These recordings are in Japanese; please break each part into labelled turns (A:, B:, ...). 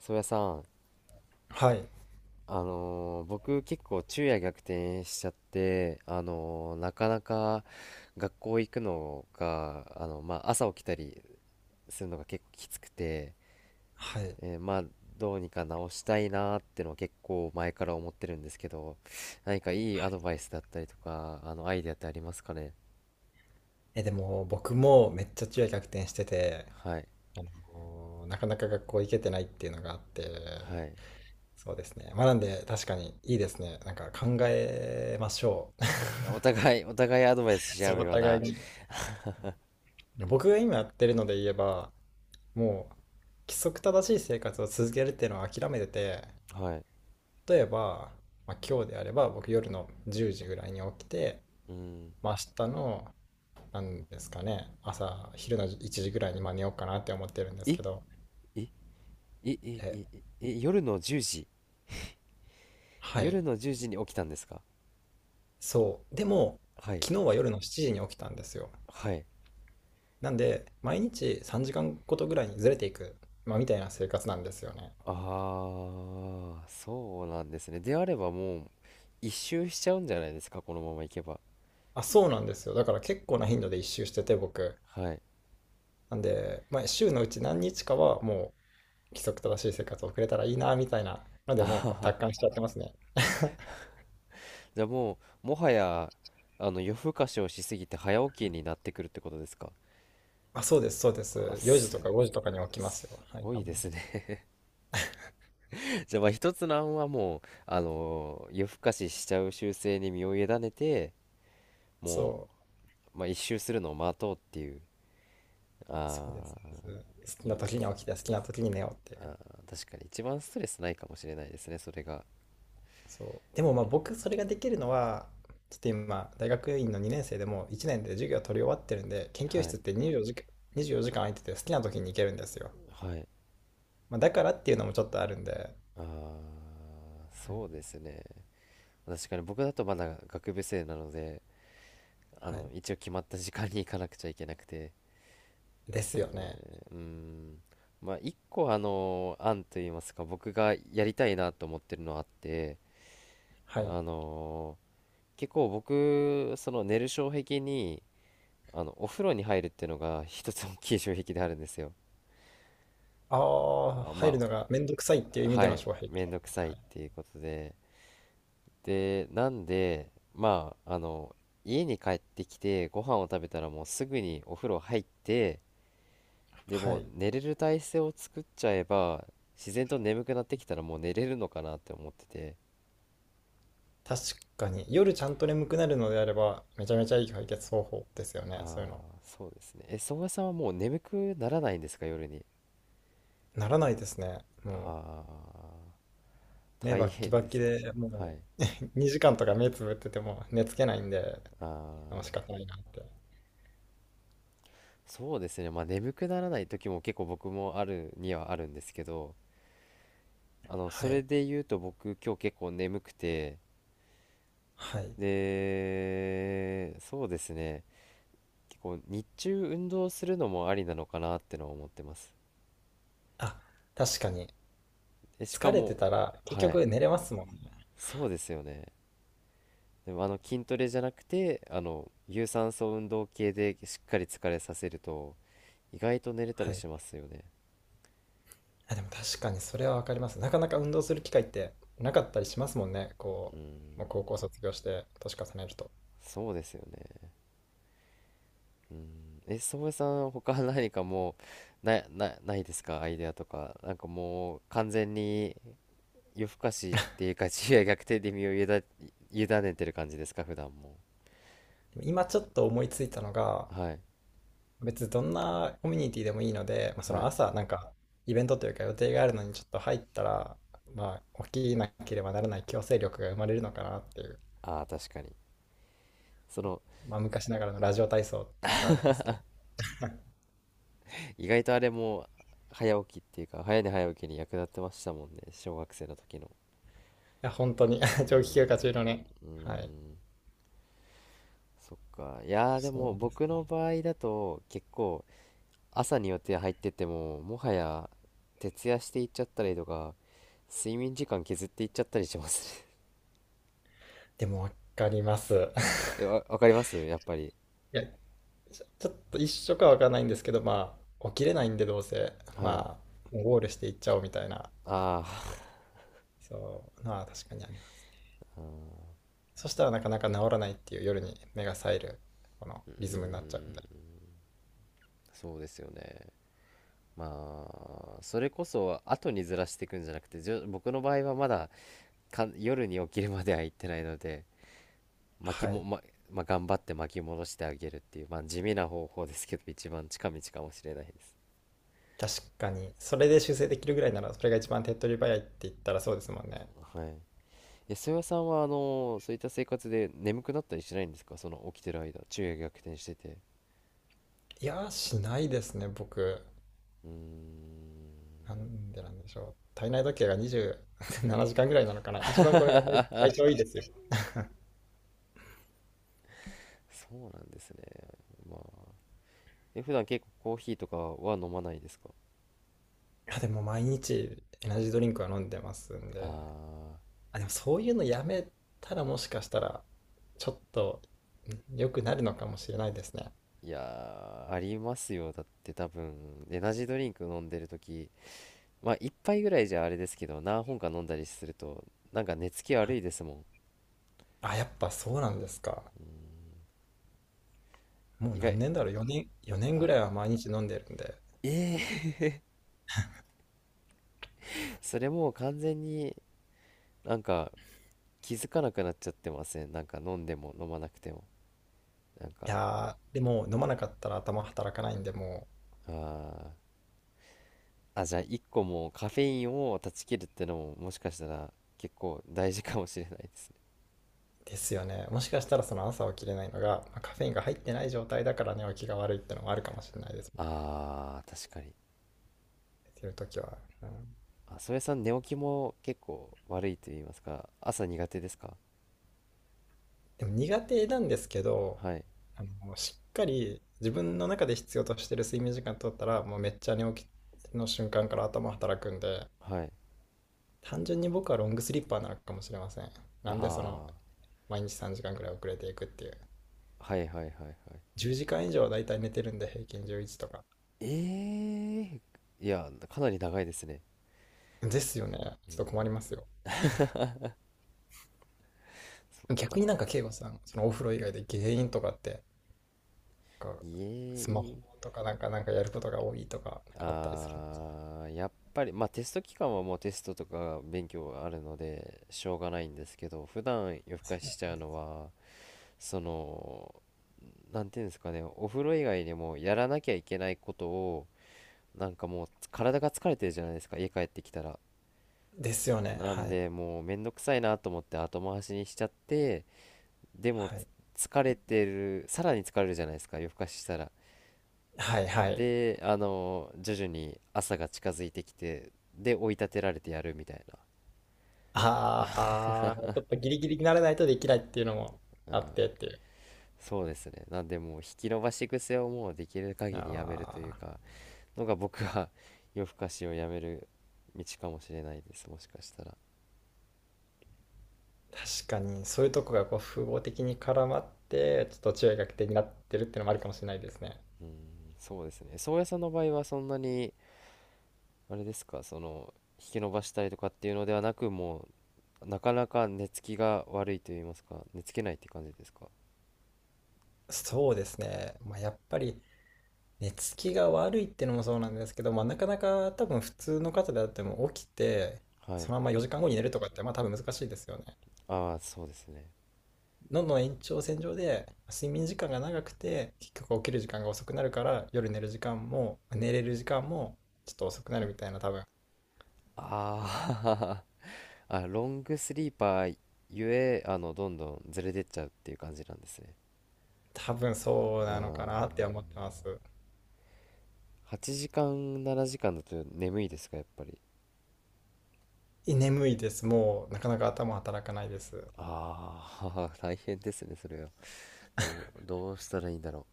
A: 宗谷さん、
B: はい。
A: 僕結構昼夜逆転しちゃって、なかなか学校行くのが、まあ、朝起きたりするのが結構きつくて、
B: はい。
A: まあ、どうにか直したいなーってのは結構前から思ってるんですけど、何かいい
B: は
A: アド
B: い。
A: バイスだったりとか、アイデアってありますかね？
B: え、でも僕もめっちゃ昼夜逆転してて、
A: はい。
B: なかなか学校行けてないっていうのがあって、
A: はい。
B: そうですね。まあなんで確かにいいですね。なんか考えましょう。
A: お互い、アドバイス し
B: そ
A: 合
B: う、
A: う
B: お
A: よう
B: 互い
A: な、
B: に。僕が今やってるので言えば、もう規則正しい生活を続けるっていうのを諦めてて、
A: はい。
B: 例えば、まあ、今日であれば僕夜の10時ぐらいに起きて、
A: うん。
B: まあ、明日のなんですかね。朝、昼の1時ぐらいにまあ寝ようかなって思ってるんで
A: え、
B: す
A: え、
B: けど。
A: え、え、え、
B: え、
A: え、夜の10時
B: は
A: 夜
B: い。
A: の10時に起きたんですか？
B: そう。でも、
A: はい。
B: 昨日は夜の7時に起きたんですよ。
A: はい。
B: なんで、毎日3時間ごとぐらいにずれていく、まあ、みたいな生活なんですよね。
A: ああ、そうなんですね。であればもう、一周しちゃうんじゃないですか、このままいけば。
B: あ、そうなんですよ。だから結構な頻度で一周してて、僕。
A: はい。
B: なんで、まあ、週のうち何日かはもう規則正しい生活を送れたらいいな、みたいなの
A: あ
B: で、も
A: は
B: う
A: は。
B: 達観しちゃってますね。
A: じゃあもう、もはや、夜更かしをしすぎて早起きになってくるってことですか？
B: あ、そうです、そうで
A: あ、
B: す。4時
A: す、
B: とか5時とかに起きますよ。
A: す
B: はい、
A: ご
B: た
A: い
B: ま
A: で
B: に。
A: すね。じゃあまあ一つの案はもう、夜更かししちゃう習性に身を委ねて、も
B: そう。
A: う、まあ一周するのを待とうっていう。
B: そうです
A: あ
B: ね。
A: あ、
B: そうです。好き
A: い
B: な
A: いで
B: 時に
A: すね。
B: 起きて、好きな時に寝ようっていう。
A: あー、確かに一番ストレスないかもしれないですね、それが。
B: そう。でもまあ僕、それができるのは、ちょっと今、大学院の2年生でも1年で授業取り終わってるんで、研究
A: はい
B: 室って24時間空いてて好きな時に行けるんですよ。
A: はい。
B: まあだからっていうのもちょっとあるんで、
A: ああ、そうですね。確かに僕だとまだ学部生なので、
B: はい。
A: 一応決まった時間に行かなくちゃいけなくて。で
B: で
A: す
B: す
A: よ
B: よ
A: ね。
B: ね。
A: うーん。まあ一個あの案といいますか、僕がやりたいなと思ってるのあって、
B: はい。
A: あの結構僕その寝る障壁に、お風呂に入るっていうのが一つ 大きい障壁であるんですよ。
B: ああ、
A: あ
B: 入
A: ま
B: るのがめんどくさいっていう意味で
A: は
B: の
A: い、
B: 障壁。
A: めんどくさい
B: は
A: っ
B: い。
A: ていうことで、で、なんで、まあ、家に帰ってきて、ご飯を食べたらもうすぐにお風呂入って、で
B: は
A: もう
B: い。
A: 寝れる体勢を作っちゃえば、自然と眠くなってきたらもう寝れるのかなって思ってて、
B: 確かに、夜ちゃんと眠くなるのであれば、めちゃめちゃいい解決方法ですよ
A: あ
B: ね、そういうの。
A: あ、そうですね。え、宗谷さんはもう眠くならないんですか、夜に？
B: ならないですね。もう、
A: ああ、
B: 目
A: 大
B: バッキ
A: 変
B: バ
A: で
B: キ
A: すね。
B: で
A: は
B: も
A: い。
B: う 2時間とか目つぶってても寝つけないんで、
A: あ
B: あ、仕
A: あ、
B: 方ないなって。
A: そうですね。まあ眠くならない時も結構僕もあるにはあるんですけど、
B: は
A: それ
B: い。
A: で言うと僕今日結構眠くて、
B: はい。
A: で、そうですね。結構日中運動するのもありなのかなってのは思ってます。
B: あ、確かに。
A: え、しか
B: 疲れて
A: も、
B: たら結
A: はい、
B: 局寝れますもんね。
A: そうですよね。でも筋トレじゃなくて、有酸素運動系でしっかり疲れさせると、意外と寝れた
B: は
A: り
B: い。
A: しますよね。
B: あ、でも確かにそれはわかります。なかなか運動する機会ってなかったりしますもんね。
A: う
B: こう、もう
A: ん、
B: 高校卒業して年重ねると。
A: そうですよね。うん、え、宗江さん、他何かもう、ないですか、アイデアとか？なんかもう、完全に、夜更かしっていうか昼夜逆転で身を委ねてる感じですか、普段も？
B: でも今ちょっと思いついたのが、
A: はい
B: 別にどんなコミュニティでもいいので、まあ、そ
A: は
B: の
A: い。
B: 朝なんかイベントというか予定があるのにちょっと入ったら、まあ、起きなければならない強制力が生まれるのかなっていう、
A: ああー、確かにその
B: まあ、昔ながらのラジオ体操って言ったらあれですけど、い
A: 意外とあれも早起きっていうか早寝早起きに役立ってましたもんね、小学生の時の。
B: や本当に
A: う ー
B: 長期休暇
A: ん。
B: 中のね。
A: うー
B: はい。
A: ん。そっか。いやー、で
B: そう
A: も
B: です
A: 僕
B: ね。
A: の場合だと結構朝に予定入っててももはや徹夜していっちゃったりとか、睡眠時間削っていっちゃったりしますね。
B: でも分かります。
A: わかりますやっぱり。
B: いや、ちょっと一緒か分かんないんですけど、まあ起きれないんでどうせ、
A: はい。
B: まあもうゴールしていっちゃおうみたいな。
A: ああ、
B: そう、まあ確かにあります。そしたらなかなか治らないっていう、夜に目が冴えるこの
A: うー
B: リズムになっちゃうん
A: ん。
B: で。
A: そうですよね。まあそれこそ後にずらしていくんじゃなくて、僕の場合はまだ夜に起きるまでは行ってないので、巻き
B: は
A: も、
B: い。
A: ままあ、頑張って巻き戻してあげるっていう、まあ、地味な方法ですけど 一番近道かもしれないです。
B: 確かに。それで修正できるぐらいなら、それが一番手っ取り早いって言ったらそうですもんね。
A: はい。え、曽谷さんはそういった生活で眠くなったりしないんですか、その起きてる間、昼夜逆転してて。
B: いやー、しないですね、僕。
A: うー
B: な
A: ん。
B: んで、なんでしょう。体内時計が27時間ぐらいなのかな。一番これが体調いいですよ。い
A: そうなんですね。まあ、普段結構コーヒーとかは飲まないですか？
B: や、でも毎日エナジードリンクは飲んでますんで。
A: あ
B: あ、でもそういうのやめたらもしかしたら、ちょっと良くなるのかもしれないですね。
A: ー、いやー、ありますよ、だって多分エナジードリンク飲んでる時、まあ一杯ぐらいじゃあれですけど、何本か飲んだりするとなんか寝つき
B: は
A: 悪
B: い。
A: いですもん。
B: あ、やっぱそうなんですか。もう
A: 意
B: 何
A: 外
B: 年だろう、4年ぐ
A: あ
B: らいは毎日飲んでるんで。
A: ええー それもう完全に、なんか気づかなくなっちゃってませんなんか飲んでも飲まなくても、なん
B: い
A: か
B: やー、でも飲まなかったら頭働かないんで、も
A: あーあ、じゃあ一個もうカフェインを断ち切るってのももしかしたら結構大事かもしれないですね。
B: う。ですよね。もしかしたらその朝起きれないのが、まあ、カフェインが入ってない状態だから寝起きが悪いってのもあるかもしれないですもんね。
A: あー、確かに。
B: 寝てるときは。うん、
A: あ、それさん、寝起きも結構悪いと言いますか、朝苦手ですか？
B: でも苦手なんですけど、
A: はい、
B: しっかり自分の中で必要としてる睡眠時間取ったら、もうめっちゃ寝起きの瞬間から頭働くんで、
A: はい。
B: 単純に僕はロングスリッパーなのかもしれません。なんで
A: あ
B: 毎日3時間ぐらい遅れていくっていう。
A: あ、はいはいはいはい。
B: 10時間以上はだいたい寝てるんで、平均11とか。
A: ええー、いや、かなり長いですね。
B: ですよね。ちょっと困りますよ。
A: か、
B: 逆になんか、慶吾さん、そのお風呂以外で原因とかって、なんか、スマ
A: い
B: ホ
A: え、
B: とかなんか、なんかやることが多いとか、なんかあったりするんですか？
A: あー、やっぱり、まあテスト期間はもうテストとか勉強があるので、しょうがないんですけど、普段夜更かししちゃうのは、その、なんていうんですかね、お風呂以外にもやらなきゃいけないことを、なんかもう体が疲れてるじゃないですか、家帰ってきたら。
B: ですよね。
A: な
B: は
A: ん
B: い。
A: でもうめんどくさいなと思って後回しにしちゃってでも
B: はい。
A: 疲れてる、さらに疲れるじゃないですか、夜更かししたら。
B: はいはい。
A: で徐々に朝が近づいてきてで追い立てられてやるみたい
B: ああ、ちょっとギリギリにならないとできないっていうのも
A: な、うん、
B: あってっていう。
A: そうですね。なんでもう引き延ばし癖をもうできる限りやめるという
B: ああ、
A: かのが、僕は 夜更かしをやめる道かもしれないです、もしかしたら。
B: 確かにそういうとこがこう複合的に絡まって、ちょっと注意が欠点になってるっていうのもあるかもしれないですね。
A: うん、そうですね。宗谷さんの場合はそんなに、あれですか、引き伸ばしたりとかっていうのではなく、もう、なかなか寝つきが悪いと言いますか、寝つけないって感じですか？
B: そうですね。まあ、やっぱり寝つきが悪いってのもそうなんですけど、まあ、なかなか多分普通の方であっても起きて、
A: はい。
B: そのまま4時間後に寝るとかってまあ多分難しいですよね。
A: ああ、そうですね。
B: どんどん延長線上で睡眠時間が長くて結局起きる時間が遅くなるから夜寝る時間も寝れる時間もちょっと遅くなるみたいな。多分
A: あー あ、ロングスリーパーゆえ、どんどんずれてっちゃうっていう感じなんですね。
B: 多分そう
A: うー
B: なの
A: ん。
B: かなって思ってます。
A: 8時間、7時間だと眠いですか、やっぱり？
B: 眠いです。もうなかなか頭働かないです。
A: ああ、大変ですね、それは。どうしたらいいんだろ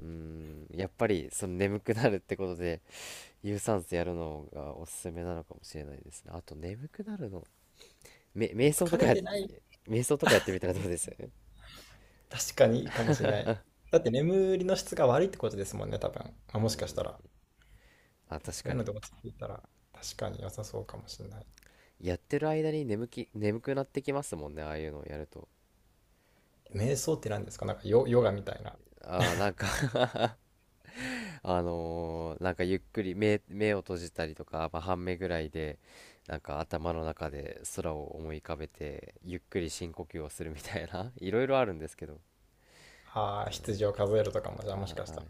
A: う。うーん、やっぱり、その眠くなるってことで、有酸素やるのがおすすめなのかもしれないですね。あと眠くなるの。瞑想と
B: 疲れ
A: か
B: てない。
A: 瞑想とかやってみたらどうです？
B: 確かにいいかもしれない。だって眠りの質が悪いってことですもんね、多分。まあ、
A: う
B: もしかし
A: ん。
B: たら。
A: あ、確
B: そう
A: か
B: いう
A: に。
B: ので落ち着いたら確かに良さそうかもしれない。
A: やってる間に眠くなってきますもんね、ああいうのをやると。
B: 瞑想って何ですか？なんか、ヨガみたいな。
A: あー、なんか なんかゆっくり目を閉じたりとか、まあ、半目ぐらいで、なんか頭の中で空を思い浮かべて、ゆっくり深呼吸をするみたいな いろいろあるんですけど。
B: ああ、羊を数えるとかも、じゃあもし
A: あ
B: か
A: ー、
B: し
A: は
B: たら
A: い。